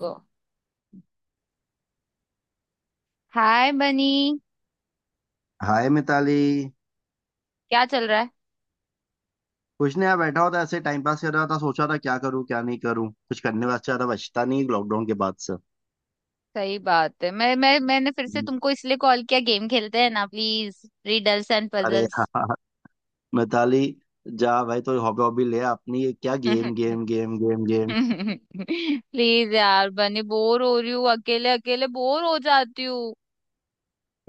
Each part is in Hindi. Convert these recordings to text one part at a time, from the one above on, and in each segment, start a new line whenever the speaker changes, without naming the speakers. गो। Hi Bunny.
हाय मिताली।
क्या चल रहा है?
कुछ नहीं यार, बैठा होता ऐसे टाइम पास कर रहा था। सोचा था क्या करूं क्या नहीं करूं, कुछ करने वास्ते ज्यादा बचता नहीं लॉकडाउन के बाद से।
सही बात है। मैं मैंने फिर से
हम्म।
तुमको इसलिए कॉल किया, गेम खेलते हैं ना, प्लीज, रिडल्स एंड
अरे
पजल्स।
हाँ मिताली, जा भाई तो हॉबी हॉबी ले अपनी, ये क्या game game game game game.
Please यार बनी, बोर हो रही हूँ, अकेले अकेले बोर हो जाती हूँ।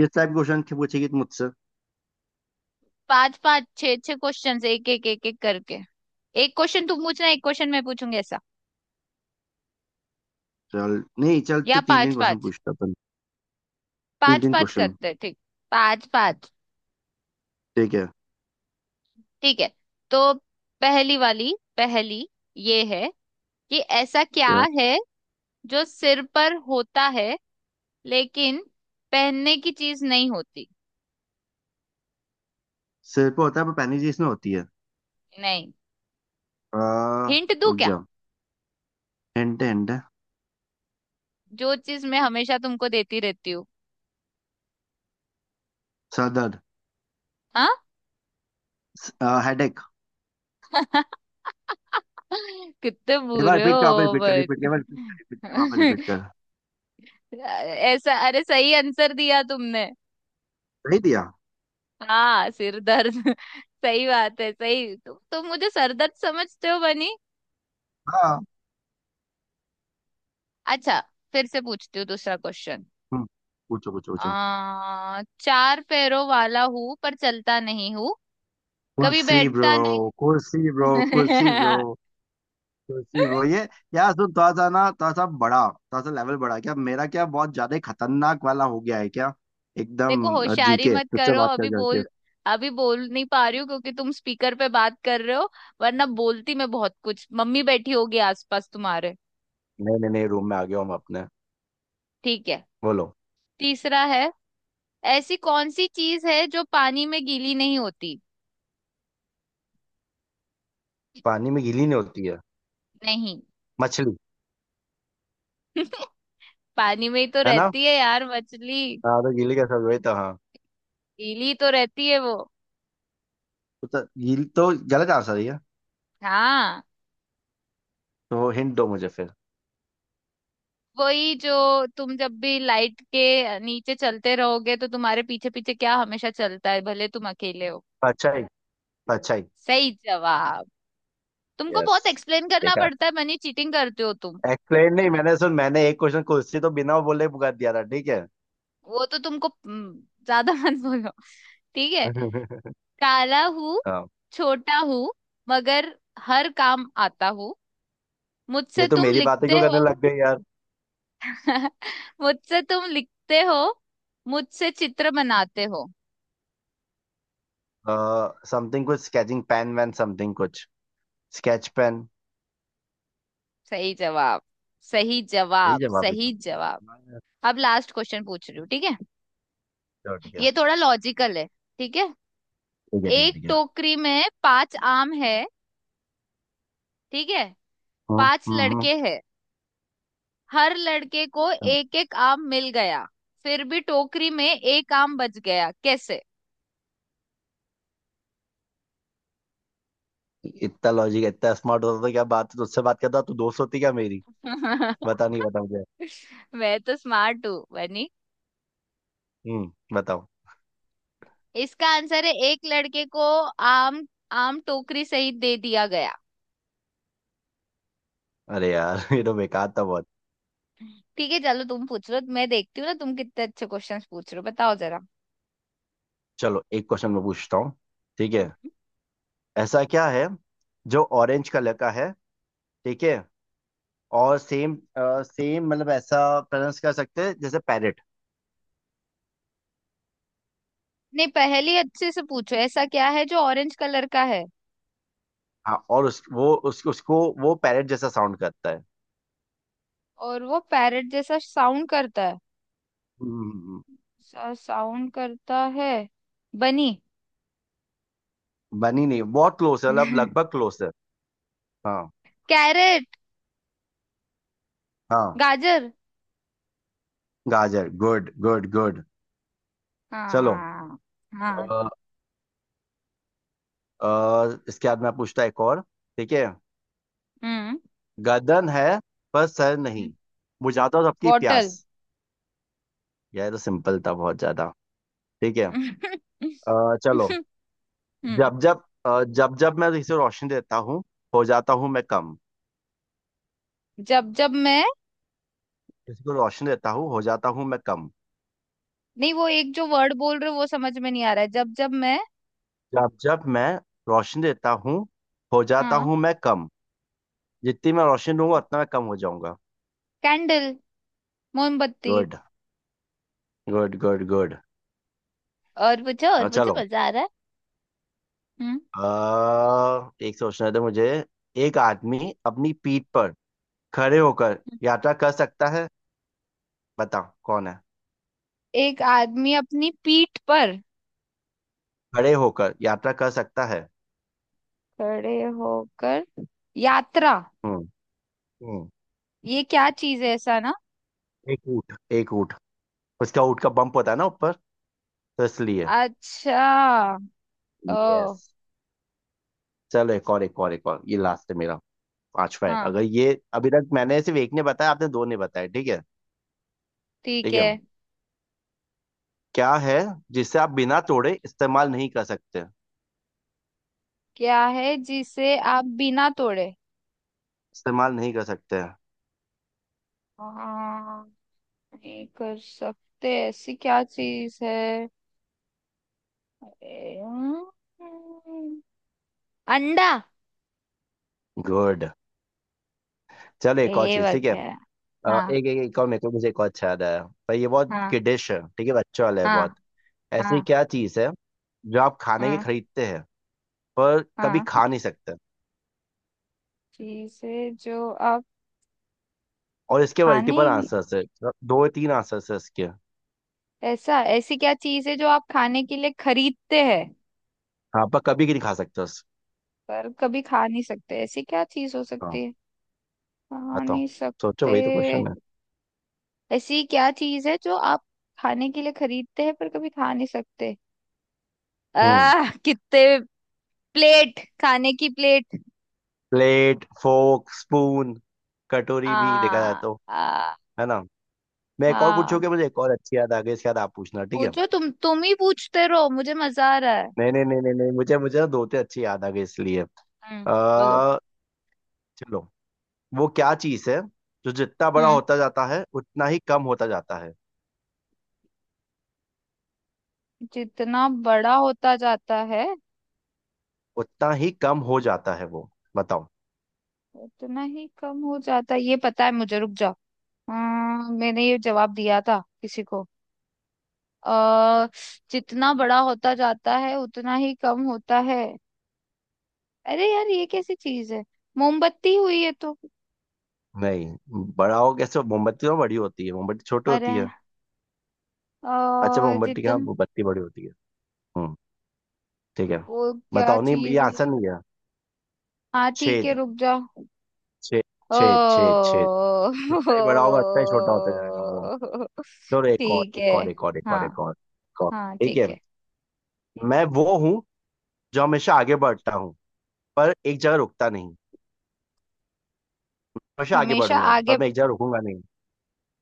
किस टाइप क्वेश्चन पूछेगी तू मुझसे?
5 5 6 6 क्वेश्चन, एक एक एक एक करके। एक क्वेश्चन तुम पूछना, एक क्वेश्चन मैं पूछूंगी ऐसा।
चल नहीं, चल
या
तो तीन तीन
पांच
क्वेश्चन
पांच
पूछता अपन। तीन
पांच
तीन
पांच
क्वेश्चन।
करते हैं, ठीक। 5 5।
ठीक है।
ठीक है। तो पहली वाली, पहली ये है कि ऐसा क्या
क्या?
है जो सिर पर होता है लेकिन पहनने की चीज नहीं होती?
सिर पे होता है पर पैनी इसमें होती है।
नहीं।
आ,
हिंट दूं
रुक
क्या?
जा। हिंट हिंट है।
जो चीज मैं हमेशा तुमको देती रहती हूँ।
सर दर्द।
हाँ।
हेडेक।
कितने
एक बार
बुरे
रिपीट कर, वापस
हो
रिपीट कर, रिपीट
बच्चे।
कर, रिपीट कर, रिपीट कर, वापस रिपीट कर।
ऐसा, अरे सही आंसर दिया तुमने।
नहीं दिया।
हाँ, सिर दर्द। सही बात है। सही, तुम मुझे सर दर्द समझते हो बनी।
हाँ।
अच्छा, फिर से पूछती हूँ दूसरा क्वेश्चन।
हम्म, पूछो पूछो पूछो।
आ, चार पैरों वाला हूं पर चलता नहीं हूं, कभी
कुर्सी
बैठता
ब्रो,
नहीं।
कुर्सी ब्रो, कुर्सी ब्रो, कुर्सी ब्रो ये। यार सुन, थोड़ा सा ना, थोड़ा सा बड़ा, थोड़ा सा लेवल बड़ा, क्या मेरा क्या बहुत ज्यादा ही खतरनाक वाला हो गया है क्या? एकदम।
देखो, होशियारी
जीके
मत
तुझसे
करो,
बात कर
अभी
करके।
बोल। अभी बोल नहीं पा रही हूँ क्योंकि तुम स्पीकर पे बात कर रहे हो। वरना बोलती मैं बहुत कुछ। मम्मी बैठी होगी आसपास तुम्हारे।
नहीं नहीं नहीं, रूम में आ गया हूँ मैं अपने।
ठीक है।
बोलो।
तीसरा है, ऐसी कौन सी चीज है जो पानी में गीली नहीं होती?
पानी में गीली नहीं होती है
नहीं।
मछली?
पानी में ही तो
है ना।
रहती है यार मछली,
हाँ तो गीली कैसे हुई? तो हाँ।
गीली तो रहती है वो।
तो गीली तो गलत आंसर है ये।
हाँ।
तो हिंट दो मुझे फिर।
वही जो, तुम जब भी लाइट के नीचे चलते रहोगे तो तुम्हारे पीछे पीछे क्या हमेशा चलता है भले तुम अकेले हो?
परछाई। परछाई।
सही जवाब। तुमको
यस।
बहुत एक्सप्लेन करना
देखा।
पड़ता है मनी, चीटिंग करते हो तुम।
एक्सप्लेन नहीं, मैंने सुन, मैंने एक क्वेश्चन खुद से तो बिना बोले पुकार दिया था, ठीक है?
वो तो तुमको ज्यादा मत बोलो। ठीक है। काला हूँ,
हाँ,
छोटा हूँ, मगर हर काम आता हूँ,
ये
मुझसे
तो
तुम
मेरी बातें
लिखते
क्यों करने
हो।
लग गई यार।
मुझसे तुम लिखते हो, मुझसे चित्र बनाते हो।
समथिंग कुछ स्केचिंग पेन वैन समथिंग कुछ। Sketch pen.
सही जवाब। सही
सही
जवाब,
जवाब है तो।
सही जवाब। अब लास्ट क्वेश्चन पूछ रही हूँ, ठीक है।
चलो ठीक है।
ये थोड़ा लॉजिकल है, ठीक है।
ठीक है ठीक है
एक
ठीक है।
टोकरी में 5 आम है, ठीक है। पांच
हम्म।
लड़के हैं, हर लड़के को
हम्म।
एक एक आम मिल गया। फिर भी टोकरी में एक आम बच गया, कैसे?
इतना लॉजिक इतना स्मार्ट होता तो क्या बात तुझसे बात करता, तू दोस्त होती क्या मेरी? बता, नहीं बता मुझे।
मैं तो स्मार्ट हूँ बनी।
हम्म बताओ।
इसका आंसर है, एक लड़के को आम, आम टोकरी सहित दे दिया गया।
अरे यार, ये तो बेकार था बहुत।
ठीक है, चलो तुम पूछ लो, मैं देखती हूँ ना तुम कितने अच्छे क्वेश्चंस पूछ रहे हो, बताओ जरा।
चलो, एक क्वेश्चन मैं पूछता हूँ। ठीक है। ऐसा क्या है जो ऑरेंज कलर का है? ठीक है। और सेम सेम मतलब ऐसा प्रोनाउंस कर सकते हैं जैसे पैरेट।
नहीं, पहेली अच्छे से पूछो। ऐसा क्या है जो ऑरेंज कलर का है
हाँ, और उसको वो पैरेट जैसा साउंड करता है।
और वो पैरट जैसा साउंड करता है?
हम्म,
साउंड करता है बनी।
बनी नहीं, बहुत क्लोज है, मतलब लगभग क्लोज है। हाँ।
कैरेट,
हाँ।
गाजर।
गाजर, गुड गुड गुड। चलो।
हाँ। हाँ।
अ, इसके बाद मैं पूछता एक और। ठीक है।
हम्म।
गर्दन है पर सर नहीं, बुझाता हूँ सबकी
बॉटल।
प्यास। यार ये तो सिंपल था बहुत ज्यादा। ठीक है। चलो।
हम्म।
जब जब अ, जब जब मैं इसे रोशनी देता हूँ हो जाता हूँ मैं कम।
जब जब मैं,
किसी को रोशनी देता हूँ हो जाता हूँ मैं कम।
नहीं वो एक जो वर्ड बोल रहे हो वो समझ में नहीं आ रहा है। जब जब मैं,
जब जब मैं रोशनी देता हूँ हो जाता
हाँ।
हूँ मैं कम। जितनी मैं रोशनी दूंगा उतना मैं कम हो जाऊंगा।
कैंडल, मोमबत्ती।
Good good good good.
और पूछो, और पूछो,
चलो।
मजा आ रहा है। हम्म।
एक सोचना था मुझे। एक आदमी अपनी पीठ पर खड़े होकर यात्रा कर सकता है, बताओ कौन है?
एक आदमी अपनी पीठ पर
खड़े होकर यात्रा कर सकता है।
खड़े होकर यात्रा,
हम्म हम्म।
ये क्या चीज है ऐसा ना?
एक ऊँट, एक ऊँट। उसका ऊँट का बम्प होता है ना ऊपर, तो इसलिए।
अच्छा। ओ।
यस। चलो, एक और एक और एक और, ये लास्ट है मेरा। पांच में
हाँ।
अगर ये, अभी तक मैंने सिर्फ एक ने बताया, आपने दो ने बताया, ठीक है।
ठीक
ठीक है।
है।
क्या है जिसे आप बिना तोड़े इस्तेमाल नहीं कर सकते?
क्या है जिसे आप बिना तोड़े?
इस्तेमाल नहीं कर सकते।
हाँ, नहीं कर सकते ऐसी क्या चीज है? अरे, हम्म, अंडा।
गुड। चलो, एक और
ए
चीज, ठीक है।
वगैरह।
अ,
हाँ।
एक एक एक और मेरे को मुझे एक और अच्छा याद आया। पर ये बहुत
हाँ।
किडिश है, ठीक है, बच्चों वाला है बहुत।
हाँ।
ऐसी
हाँ।
क्या चीज है जो आप खाने के
हाँ।
खरीदते हैं पर कभी
हाँ।
खा नहीं सकते?
चीज है जो आप
और इसके
खाने।
मल्टीपल आंसर्स है। दो तीन आंसर्स है इसके।
ऐसा, ऐसी क्या चीज है जो आप खाने के लिए खरीदते हैं?
हाँ पर कभी नहीं खा सकते उस।
पर कभी खा नहीं सकते, ऐसी क्या चीज हो
हाँ।
सकती है? खा
बताओ।
नहीं
सोचो,
सकते।
वही तो क्वेश्चन है।
ऐसी क्या चीज है जो आप खाने के लिए खरीदते हैं पर कभी खा नहीं सकते?
हम्म।
आह, कितने, प्लेट, खाने की प्लेट।
प्लेट, फोर्क, स्पून,
आ।
कटोरी भी देखा जाए तो।
आ।
है ना। मैं एक और
हाँ,
पूछूंगा, मुझे एक और अच्छी याद आ गई, इसके बाद आप पूछना, ठीक है?
पूछो, तुम ही पूछते रहो, मुझे मजा आ रहा है।
नहीं नहीं नहीं नहीं नहीं, मुझे मुझे ना दो तीन अच्छी याद आ गई इसलिए।
हम्म। बोलो।
आ, चलो। वो क्या चीज है जो जितना बड़ा
हम्म।
होता जाता है उतना ही कम होता जाता है?
जितना बड़ा होता जाता है
उतना ही कम हो जाता है वो, बताओ।
उतना ही कम हो जाता है, ये पता है मुझे, रुक जाओ। हाँ, मैंने ये जवाब दिया था किसी को। अ, जितना बड़ा होता जाता है उतना ही कम होता है। अरे यार, ये कैसी चीज है? मोमबत्ती हुई है तो।
नहीं, बड़ा हो कैसे? मोमबत्ती तो बड़ी होती है, मोमबत्ती छोटी
अरे।
होती है।
अ
अच्छा मोमबत्ती, हाँ
जितन
मोमबत्ती बड़ी होती है। हम्म, ठीक है।
वो क्या
बताओ नहीं, ये
चीज है?
आसान नहीं है।
हाँ ठीक है,
छेद।
रुक जा।
छेद। छेद छेद छेद।
ओ।
जितना ही बड़ा होगा उतना ही छोटा होता जाएगा वो। चलो, एक और
ठीक है।
एक और एक और एक
हाँ।
और एक और एक और।
हाँ
ठीक
ठीक
है।
है।
मैं वो हूँ जो हमेशा आगे बढ़ता हूँ पर एक जगह रुकता नहीं। हमेशा आगे
हमेशा
बढ़ूंगा पर
आगे।
मैं एक जगह रुकूंगा नहीं।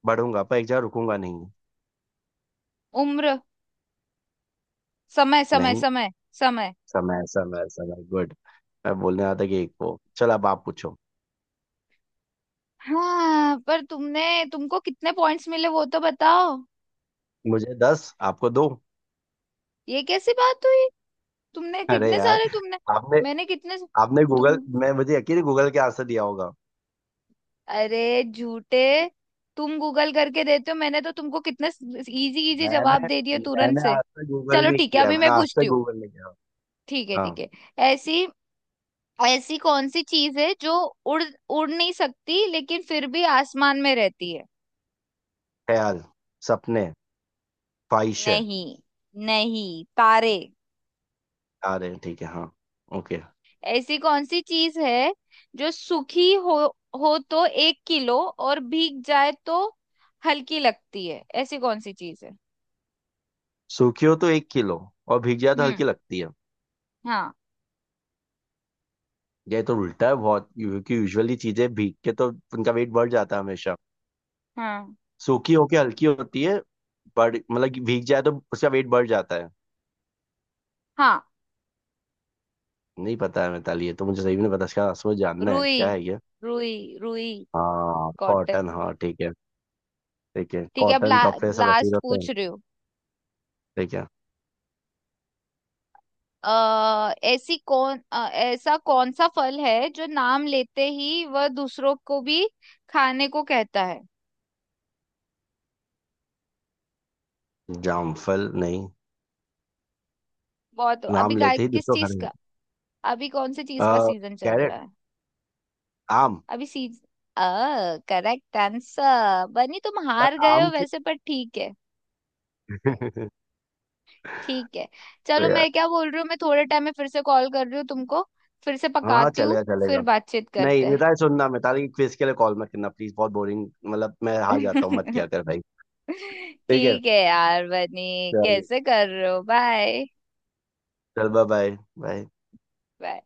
बढ़ूंगा पर एक जगह रुकूंगा नहीं।
उम्र। समय, समय,
नहीं।
समय। समय।
समय समय समय, गुड। मैं बोलने आता कि एक वो, चलो अब आप पूछो।
हाँ, पर तुमने, तुमको कितने पॉइंट्स मिले वो तो बताओ।
मुझे 10, आपको दो।
ये कैसी बात हुई? तुमने
अरे
कितने
यार।
सारे, तुमने।
आपने।
मैंने कितने।
आपने
तुम,
गूगल, मैं मुझे यकीन है गूगल के आंसर दिया होगा।
अरे झूठे, तुम गूगल करके देते हो। मैंने तो तुमको कितने इजी इजी
मैंने
जवाब दे दिए तुरंत
मैंने
से।
आज तक गूगल
चलो
नहीं
ठीक है,
किया,
अभी
मैंने
मैं
आज
पूछती
तक
हूँ।
गूगल नहीं किया।
ठीक है,
हाँ।
ठीक है। ऐसी, ऐसी कौन सी चीज है जो उड़ उड़ नहीं सकती लेकिन फिर भी आसमान में रहती है?
ख्याल, सपने, ख्वाहिशें।
नहीं। नहीं, तारे।
आ रहे हैं, ठीक है हाँ। ओके।
ऐसी कौन सी चीज है जो सूखी हो तो 1 किलो, और भीग जाए तो हल्की लगती है, ऐसी कौन सी चीज है?
सूखी हो तो 1 किलो और भीग जाए तो हल्की
हम्म।
लगती है।
हाँ।
ये तो उल्टा है बहुत, क्योंकि यूजुअली चीजें भीग के तो उनका वेट बढ़ जाता है हमेशा।
हाँ।
सूखी होके हल्की होती है। बढ़, मतलब कि भीग जाए तो उसका वेट बढ़ जाता है।
हाँ।
नहीं पता है मिताली, ये तो मुझे सही में नहीं पता, इसका असर जानना है
रुई।
क्या है ये।
रुई। रुई।
हाँ
कॉटन।
कॉटन, हाँ ठीक है। ठीक है,
ठीक है, अब
कॉटन कपड़े सब ऐसे ही
लास्ट
होते हैं।
पूछ रही हूँ।
ठीक है।
ऐसा कौन सा फल है जो नाम लेते ही वह दूसरों को भी खाने को कहता है?
जामफल नहीं।
बहुत, अभी
नाम
का,
लेते ही
किस
दूसरों
चीज
घर में।
का? अभी कौन से चीज
आ,
का सीजन चल रहा
कैरेट,
है?
आम।
अभी सीज अ करेक्ट आंसर बनी, तुम
पर
हार गए हो
आम।
वैसे पर ठीक है। ठीक है, चलो
तो यार।
मैं क्या बोल रही हूँ, मैं थोड़े टाइम में फिर से कॉल कर रही हूँ तुमको, फिर से
हाँ हाँ,
पकाती हूँ,
चलेगा
फिर
चलेगा।
बातचीत
नहीं
करते
मिताली, सुनना मिताली, क्विज के लिए कॉल मत करना प्लीज, बहुत बोरिंग, मतलब मैं हार जाता हूँ, मत
हैं।
किया कर भाई। ठीक है।
ठीक है यार बनी,
चल।
कैसे कर रहे हो? बाय।
चल बाय बाय। बाय।
बाय।